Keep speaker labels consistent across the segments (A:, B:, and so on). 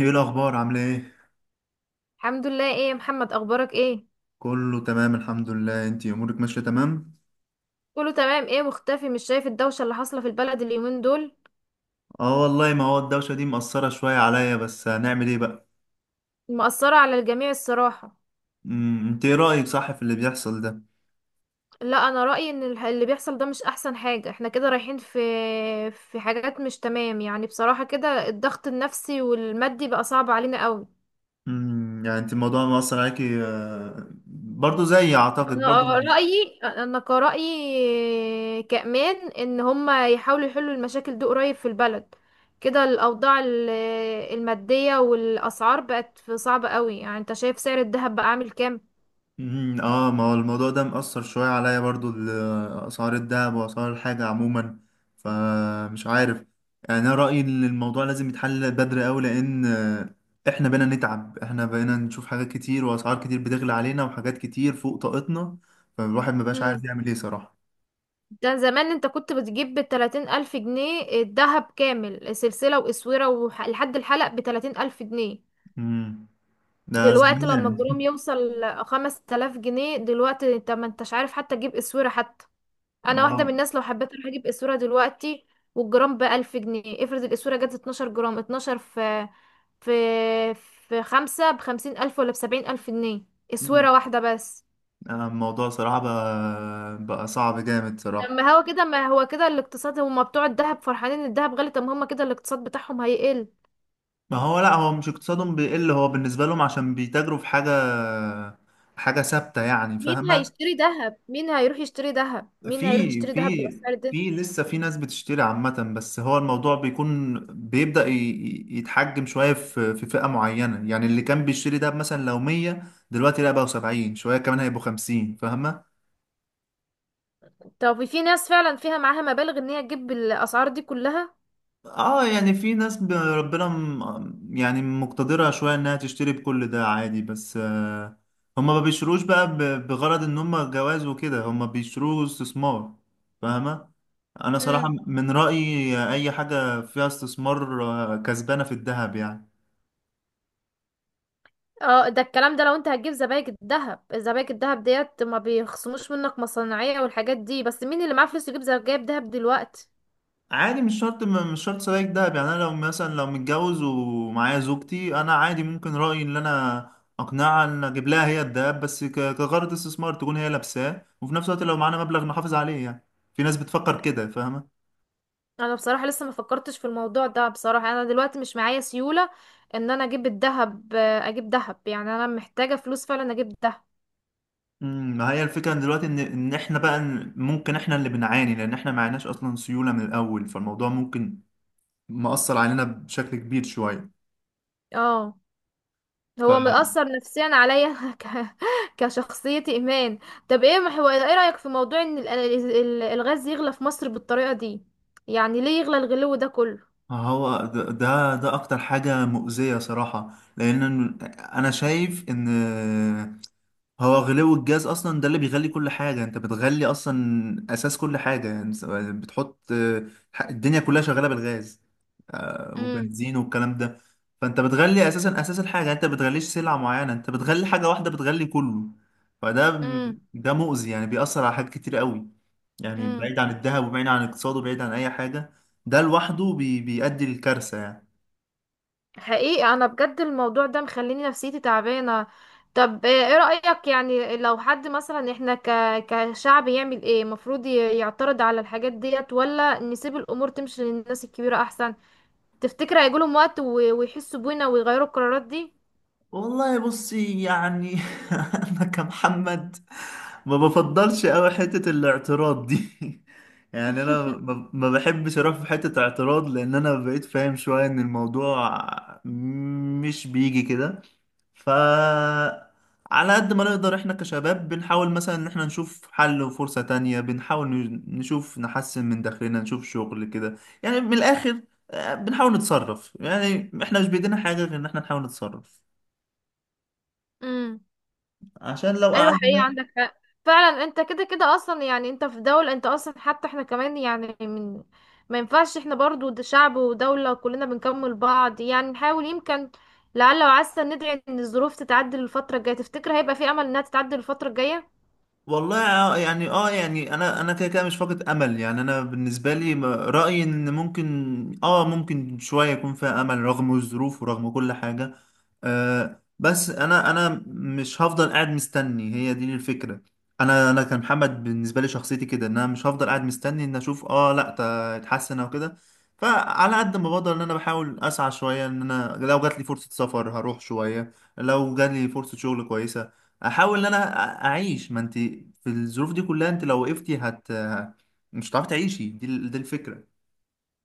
A: ايه الاخبار، عامله ايه؟
B: الحمد لله، ايه يا محمد، اخبارك ايه؟
A: كله تمام، الحمد لله. انتي امورك ماشيه تمام؟
B: كله تمام. ايه مختفي؟ مش شايف الدوشه اللي حاصله في البلد اليومين دول؟
A: اه والله، ما هو الدوشه دي مأثره شويه عليا، بس هنعمل ايه بقى؟
B: مأثره على الجميع الصراحه.
A: انت ايه رايك، صح، في اللي بيحصل ده؟
B: لا، انا رأيي ان اللي بيحصل ده مش احسن حاجه، احنا كده رايحين في حاجات مش تمام، يعني بصراحه كده الضغط النفسي والمادي بقى صعب علينا قوي.
A: يعني انت الموضوع مأثر عليكي، برضو زيي، اعتقد،
B: انا
A: برضو.
B: رايي، انا كرايي كمان، ان هما يحاولوا يحلوا المشاكل دي قريب في البلد، كده الاوضاع الماديه والاسعار بقت صعبه قوي، يعني انت شايف سعر الذهب بقى عامل كام؟
A: ما هو الموضوع ده مأثر شوية عليا برضو أسعار الذهب وأسعار الحاجة عموما. فمش عارف. يعني أنا رأيي إن الموضوع لازم يتحل بدري أوي، لأن إحنا بقينا نتعب، إحنا بقينا نشوف حاجات كتير وأسعار كتير بتغلى علينا وحاجات كتير فوق طاقتنا. فالواحد مبقاش
B: امم
A: عارف يعمل إيه، صراحة.
B: ده زمان انت كنت بتجيب بـ30 الف جنيه الذهب كامل، سلسله واسوره لحد الحلق، بـ30 الف جنيه.
A: مم. ده
B: دلوقتي لما
A: زمان.
B: الجرام يوصل 5 تلاف جنيه، دلوقتي انت ما انتش عارف حتى تجيب اسوره حتى.
A: ما
B: انا واحده من
A: هو-
B: الناس لو حبيت اروح اجيب اسوره دلوقتي والجرام بألف جنيه، افرض الاسوره جت 12 جرام، 12 في في خمسة بـ50 ألف ولا بـ70 ألف جنيه،
A: مم.
B: اسوره واحده بس.
A: الموضوع صراحة بقى صعب جامد، صراحة.
B: لما هو كده، ما هو كده الاقتصاد، هما بتوع الذهب فرحانين ان الذهب غالي، طب ما هما كده الاقتصاد بتاعهم هيقل.
A: ما هو لا، هو مش اقتصادهم بيقل، هو بالنسبة لهم عشان بيتاجروا في حاجة ثابتة، يعني،
B: مين
A: فاهمة؟
B: هيشتري ذهب؟ مين هيروح يشتري ذهب؟ مين هيروح
A: في
B: يشتري ذهب
A: في
B: بالاسعار دي؟
A: في لسه في ناس بتشتري عامة، بس هو الموضوع بيكون بيبدأ يتحجم شوية في فئة معينة، يعني اللي كان بيشتري ده مثلا لو 100، دلوقتي لا بقوا 70، شوية كمان هيبقوا 50، فاهمة؟
B: طب في ناس فعلا فيها معاها مبالغ ان هي تجيب الاسعار دي كلها؟
A: اه يعني في ناس ربنا يعني مقتدرة شوية انها تشتري بكل ده، عادي. بس هما ما بيشتروش بقى بغرض ان هما جواز وكده، هما بيشتروه استثمار. فاهمة؟ انا صراحة من رأيي اي حاجة فيها استثمار، كسبانة في الذهب، يعني.
B: اه، ده الكلام ده لو انت هتجيب زبايك الذهب، زبايك الذهب ديت ما بيخصموش منك مصنعية والحاجات دي، بس مين اللي معاه فلوس يجيب زبايك دهب دلوقتي؟
A: عادي، مش شرط مش شرط سبائك دهب. يعني انا لو مثلا، لو متجوز ومعايا زوجتي، انا عادي ممكن رأيي ان انا اقنعها ان اجيب لها هي الدهب، بس كغرض استثمار، تكون هي لابساه وفي نفس الوقت لو معانا مبلغ نحافظ عليه، يعني. في ناس بتفكر كده، فاهمة؟
B: انا بصراحة لسه ما فكرتش في الموضوع ده، بصراحة انا دلوقتي مش معايا سيولة ان انا اجيب الذهب، اجيب ذهب، يعني انا محتاجة فلوس فعلا اجيب ذهب.
A: ما هي الفكرة إن دلوقتي، ان احنا بقى ممكن احنا اللي بنعاني، لان احنا معناش اصلا سيولة من الاول، فالموضوع ممكن مأثر علينا بشكل كبير شوية.
B: اه هو مأثر نفسيا عليا كشخصيتي ايمان. طب ايه ايه رأيك في موضوع ان الغاز يغلى في مصر بالطريقة دي؟ يعني ليه يغلى الغلو ده كله؟
A: هو ده اكتر حاجة مؤذية، صراحة. لان انا شايف ان هو غلو الجاز اصلا ده اللي بيغلي كل حاجه، انت بتغلي اصلا اساس كل حاجه، يعني بتحط. الدنيا كلها شغاله بالغاز، وبنزين والكلام ده. فانت بتغلي اساسا اساس الحاجه، انت بتغليش سلعه معينه، انت بتغلي حاجه واحده بتغلي كله. فده
B: امم
A: ده مؤذي، يعني بيأثر على حاجات كتير قوي. يعني
B: امم
A: بعيد عن الذهب وبعيد عن الاقتصاد وبعيد عن اي حاجه. ده لوحده بيؤدي للكارثه، يعني.
B: حقيقي انا بجد الموضوع ده مخليني نفسيتي تعبانه. طب ايه رأيك، يعني لو حد مثلا، احنا كشعب، يعمل ايه؟ المفروض يعترض على الحاجات ديت ولا نسيب الامور تمشي للناس الكبيره احسن؟ تفتكر هيجيلهم وقت ويحسوا بينا ويغيروا القرارات دي؟
A: والله بصي، يعني. انا كمحمد، ما بفضلش قوي حتة الاعتراض دي. يعني انا ما بحبش اروح في حتة اعتراض، لان انا بقيت فاهم شوية ان الموضوع مش بيجي كده. ف على قد ما نقدر احنا كشباب، بنحاول مثلا ان احنا نشوف حل وفرصة تانية، بنحاول نشوف نحسن من داخلنا، نشوف شغل كده. يعني من الاخر. بنحاول نتصرف، يعني احنا مش بايدينا حاجة غير ان احنا نحاول نتصرف.
B: امم
A: عشان لو
B: ايوه، حقيقة
A: قعدنا.
B: عندك حق. فعلا، انت كده كده اصلا، يعني انت في دولة، انت اصلا حتى احنا كمان، يعني ما ينفعش احنا برضو، ده شعب ودولة كلنا بنكمل بعض، يعني نحاول، يمكن لعل وعسى ندعي ان الظروف تتعدل الفترة الجاية. تفتكر هيبقى في امل انها تتعدل الفترة الجاية؟
A: والله يعني يعني انا كده كده مش فاقد امل، يعني انا بالنسبه لي رايي ان ممكن شويه يكون فيها امل، رغم الظروف ورغم كل حاجه. بس انا مش هفضل قاعد مستني، هي دي الفكره. انا كمحمد، بالنسبه لي شخصيتي كده، ان انا مش هفضل قاعد مستني ان اشوف، لا، اتحسن او كده. فعلى قد ما بقدر، ان انا بحاول اسعى شويه، ان انا لو جات لي فرصه سفر هروح شويه، لو جات لي فرصه شغل كويسه، احاول ان انا اعيش. ما انت في الظروف دي كلها، انت لو وقفتي مش هتعرفي تعيشي، دي دي الفكره.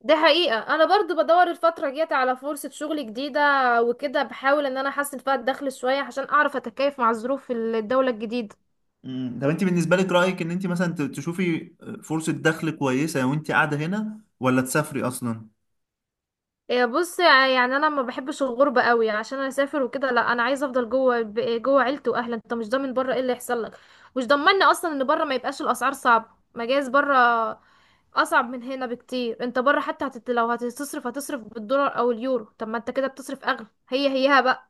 B: دي حقيقة، انا برضو بدور الفترة الجاية على فرصة شغل جديدة، وكده بحاول ان انا احسن فيها الدخل شوية عشان اعرف اتكيف مع ظروف الدولة الجديدة.
A: مم. طب انت بالنسبه لك، رايك ان انت مثلا تشوفي فرصه دخل كويسه وانت قاعده هنا، ولا تسافري اصلا؟
B: إيه، بص، يعني انا ما بحبش الغربه قوي عشان انا اسافر وكده، لا، انا عايزه افضل جوه، جوه عيلتي واهلي. انت مش ضامن بره ايه اللي يحصل لك، مش ضمني اصلا ان بره ما يبقاش الاسعار صعبه، مجاز بره اصعب من هنا بكتير. انت بره حتى لو هتصرف هتصرف بالدولار او اليورو، طب ما انت كده بتصرف اغلى، هي هيها بقى.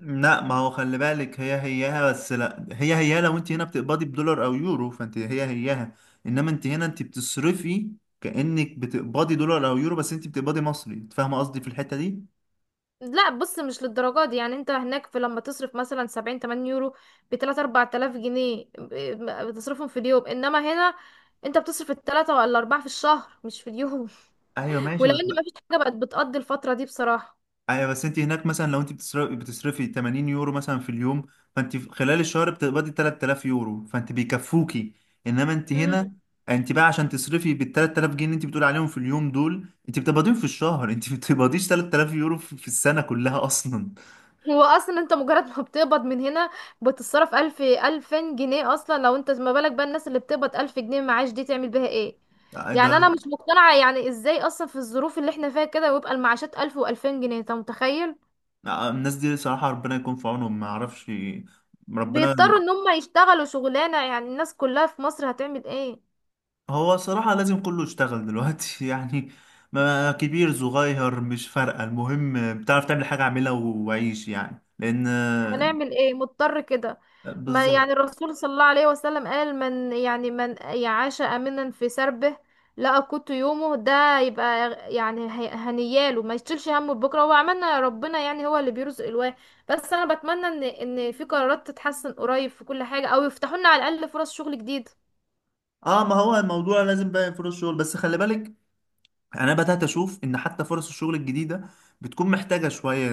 A: لا، ما هو خلي بالك، هي هيها. بس لا، هي هيها لو انت هنا بتقبضي بدولار او يورو، فانت هي هيها. انما انت هنا انت بتصرفي كانك بتقبضي دولار او يورو، بس انت بتقبضي مصري. أنت فاهمه قصدي في الحته دي؟
B: لا، بص، مش للدرجه دي، يعني انت هناك لما تصرف مثلا 70 80 يورو ب 3 4000 جنيه، بتصرفهم في اليوم، انما هنا انت بتصرف التلاتة ولا اربعة في الشهر، مش في اليوم.
A: ايوه، ماشي،
B: ولان
A: بس.
B: مفيش حاجه بقت بتقضي الفتره دي بصراحه.
A: ايوه، بس انت هناك مثلا، لو انت بتصرفي 80 يورو مثلا في اليوم، فانت في خلال الشهر بتقبضي 3000 يورو، فانت بيكفوكي. انما انت
B: امم
A: هنا، انت بقى عشان تصرفي بال 3000 جنيه اللي انت بتقولي عليهم في اليوم دول، انت بتقبضيهم في الشهر. انت ما بتقبضيش 3000 يورو في السنه كلها اصلا.
B: هو اصلا انت مجرد ما بتقبض من هنا بتتصرف الف الفين جنيه اصلا، لو انت ما بالك بقى الناس اللي بتقبض الف جنيه معاش دي تعمل بيها ايه؟
A: ده
B: يعني انا مش مقتنعه، يعني ازاي اصلا في الظروف اللي احنا فيها كده ويبقى المعاشات الف والفين جنيه، انت متخيل؟
A: الناس دي صراحه ربنا يكون في عونهم، ما اعرفش. ربنا.
B: بيضطروا ان هم يشتغلوا شغلانه، يعني الناس كلها في مصر هتعمل ايه؟
A: هو صراحة لازم كله يشتغل دلوقتي. يعني ما كبير، صغير، مش فارقة، المهم بتعرف تعمل حاجة اعملها وعيش، يعني، لأن
B: هنعمل ايه، مضطر كده. ما يعني
A: بالظبط.
B: الرسول صلى الله عليه وسلم قال من يعاش امنا في سربه لقى قوت يومه، ده يبقى يعني هنياله، ما يشيلش همه بكره، هو عملنا ربنا، يعني هو اللي بيرزق الواحد. بس انا بتمنى ان في قرارات تتحسن قريب في كل حاجه، او يفتحوا لنا على الاقل فرص شغل جديد.
A: اه، ما هو الموضوع لازم بقى فرص شغل، بس خلي بالك، أنا بدأت أشوف إن حتى فرص الشغل الجديدة بتكون محتاجة شوية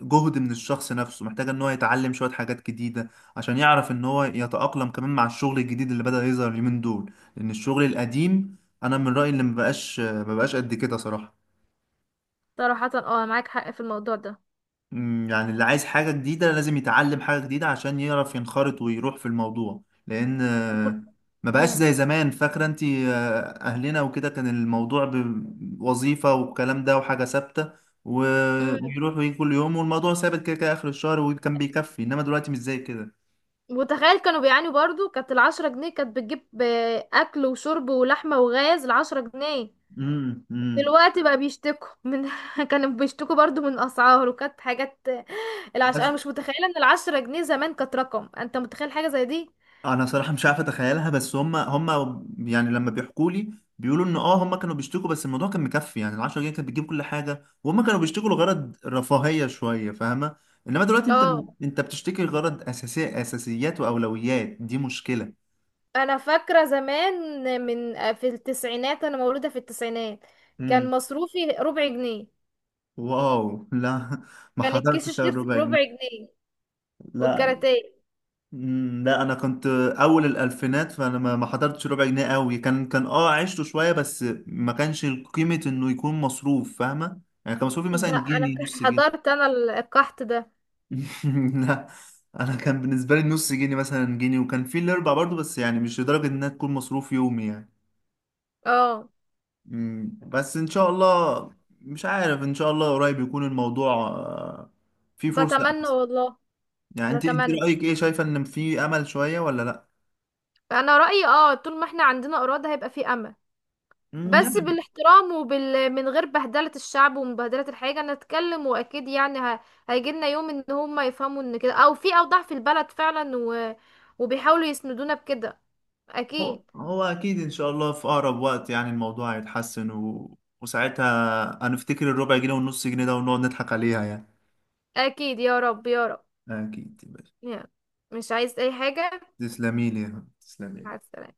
A: جهد من الشخص نفسه، محتاجة إن هو يتعلم شوية حاجات جديدة عشان يعرف إن هو يتأقلم كمان مع الشغل الجديد اللي بدأ يظهر اليومين دول، لأن الشغل القديم أنا من رأيي اللي مبقاش قد كده، صراحة.
B: صراحه، معاك حق في الموضوع ده.
A: يعني اللي عايز حاجة جديدة لازم يتعلم حاجة جديدة، عشان يعرف ينخرط ويروح في الموضوع، لأن ما بقاش
B: امم
A: زي زمان، فاكرة انت؟ أهلنا وكده كان الموضوع بوظيفة والكلام ده، وحاجة ثابتة، و-
B: امم
A: ويروح ويجي كل يوم والموضوع ثابت، كده كده آخر الشهر وكان بيكفي، إنما دلوقتي مش زي كده.
B: وتخيل كانوا بيعانوا برضو، كانت 10 جنيه كانت بتجيب أكل وشرب ولحمة وغاز، 10 جنيه.
A: امم امم
B: دلوقتي بقى بيشتكوا من كانوا بيشتكوا برضو من اسعار، وكانت حاجات.
A: بس
B: انا مش متخيله ان 10 جنيه زمان كانت رقم، انت متخيل حاجه زي دي؟
A: انا صراحه مش عارف اتخيلها، بس هم يعني لما بيحكوا لي، بيقولوا ان هم كانوا بيشتكوا، بس الموضوع كان مكفي. يعني ال 10 جنيه كانت بتجيب كل حاجه وهم كانوا بيشتكوا لغرض رفاهيه شويه، فاهمه؟ انما دلوقتي انت،
B: اه
A: انت بتشتكي لغرض اساسيات واولويات، دي مشكله.
B: انا فاكره زمان في التسعينات، انا مولوده في التسعينات.
A: امم
B: كان مصروفي ربع جنيه،
A: واو، لا. ما
B: كان الكيس
A: حضرتش على
B: الشيبسي
A: الربع
B: بربع
A: جنيه.
B: جنيه
A: لا.
B: والكاراتيه.
A: مم، لا، انا كنت اول الالفينات، فانا ما حضرتش ربع جنيه قوي. كان عشته شويه بس ما كانش قيمه انه يكون مصروف، فاهمه؟ يعني كان مصروفي مثلا
B: ده انا
A: جنيه، نص جنيه.
B: حضرت انا القحط ده.
A: لا، انا كان بالنسبه لي نص جنيه، مثلا جنيه، وكان في الاربع برضو، بس يعني مش لدرجه انها تكون مصروف يومي، يعني.
B: اه
A: بس ان شاء الله، مش عارف، ان شاء الله قريب يكون الموضوع فيه فرصه
B: بتمنى
A: احسن.
B: والله،
A: يعني انت
B: بتمنى.
A: رايك ايه، شايفه ان في امل شويه ولا؟
B: فانا رايي، طول ما احنا عندنا اراده هيبقى في امل، بس
A: لا،
B: بالاحترام، من غير بهدلة الشعب ومبهدلة الحاجة نتكلم، وأكيد يعني هيجيلنا يوم إن هما يفهموا إن كده، أو في أوضاع في البلد فعلا وبيحاولوا يسندونا بكده،
A: هو
B: أكيد.
A: هو أكيد إن شاء الله في أقرب وقت يعني الموضوع هيتحسن، وساعتها هنفتكر الربع جنيه والنص جنيه ده ونقعد نضحك عليها، يعني.
B: أكيد يا رب، يا رب،
A: أكيد يا باشا.
B: يعني مش عايز أي حاجة.
A: تسلمي لي يا حبيبي، تسلمي لي.
B: مع السلامة.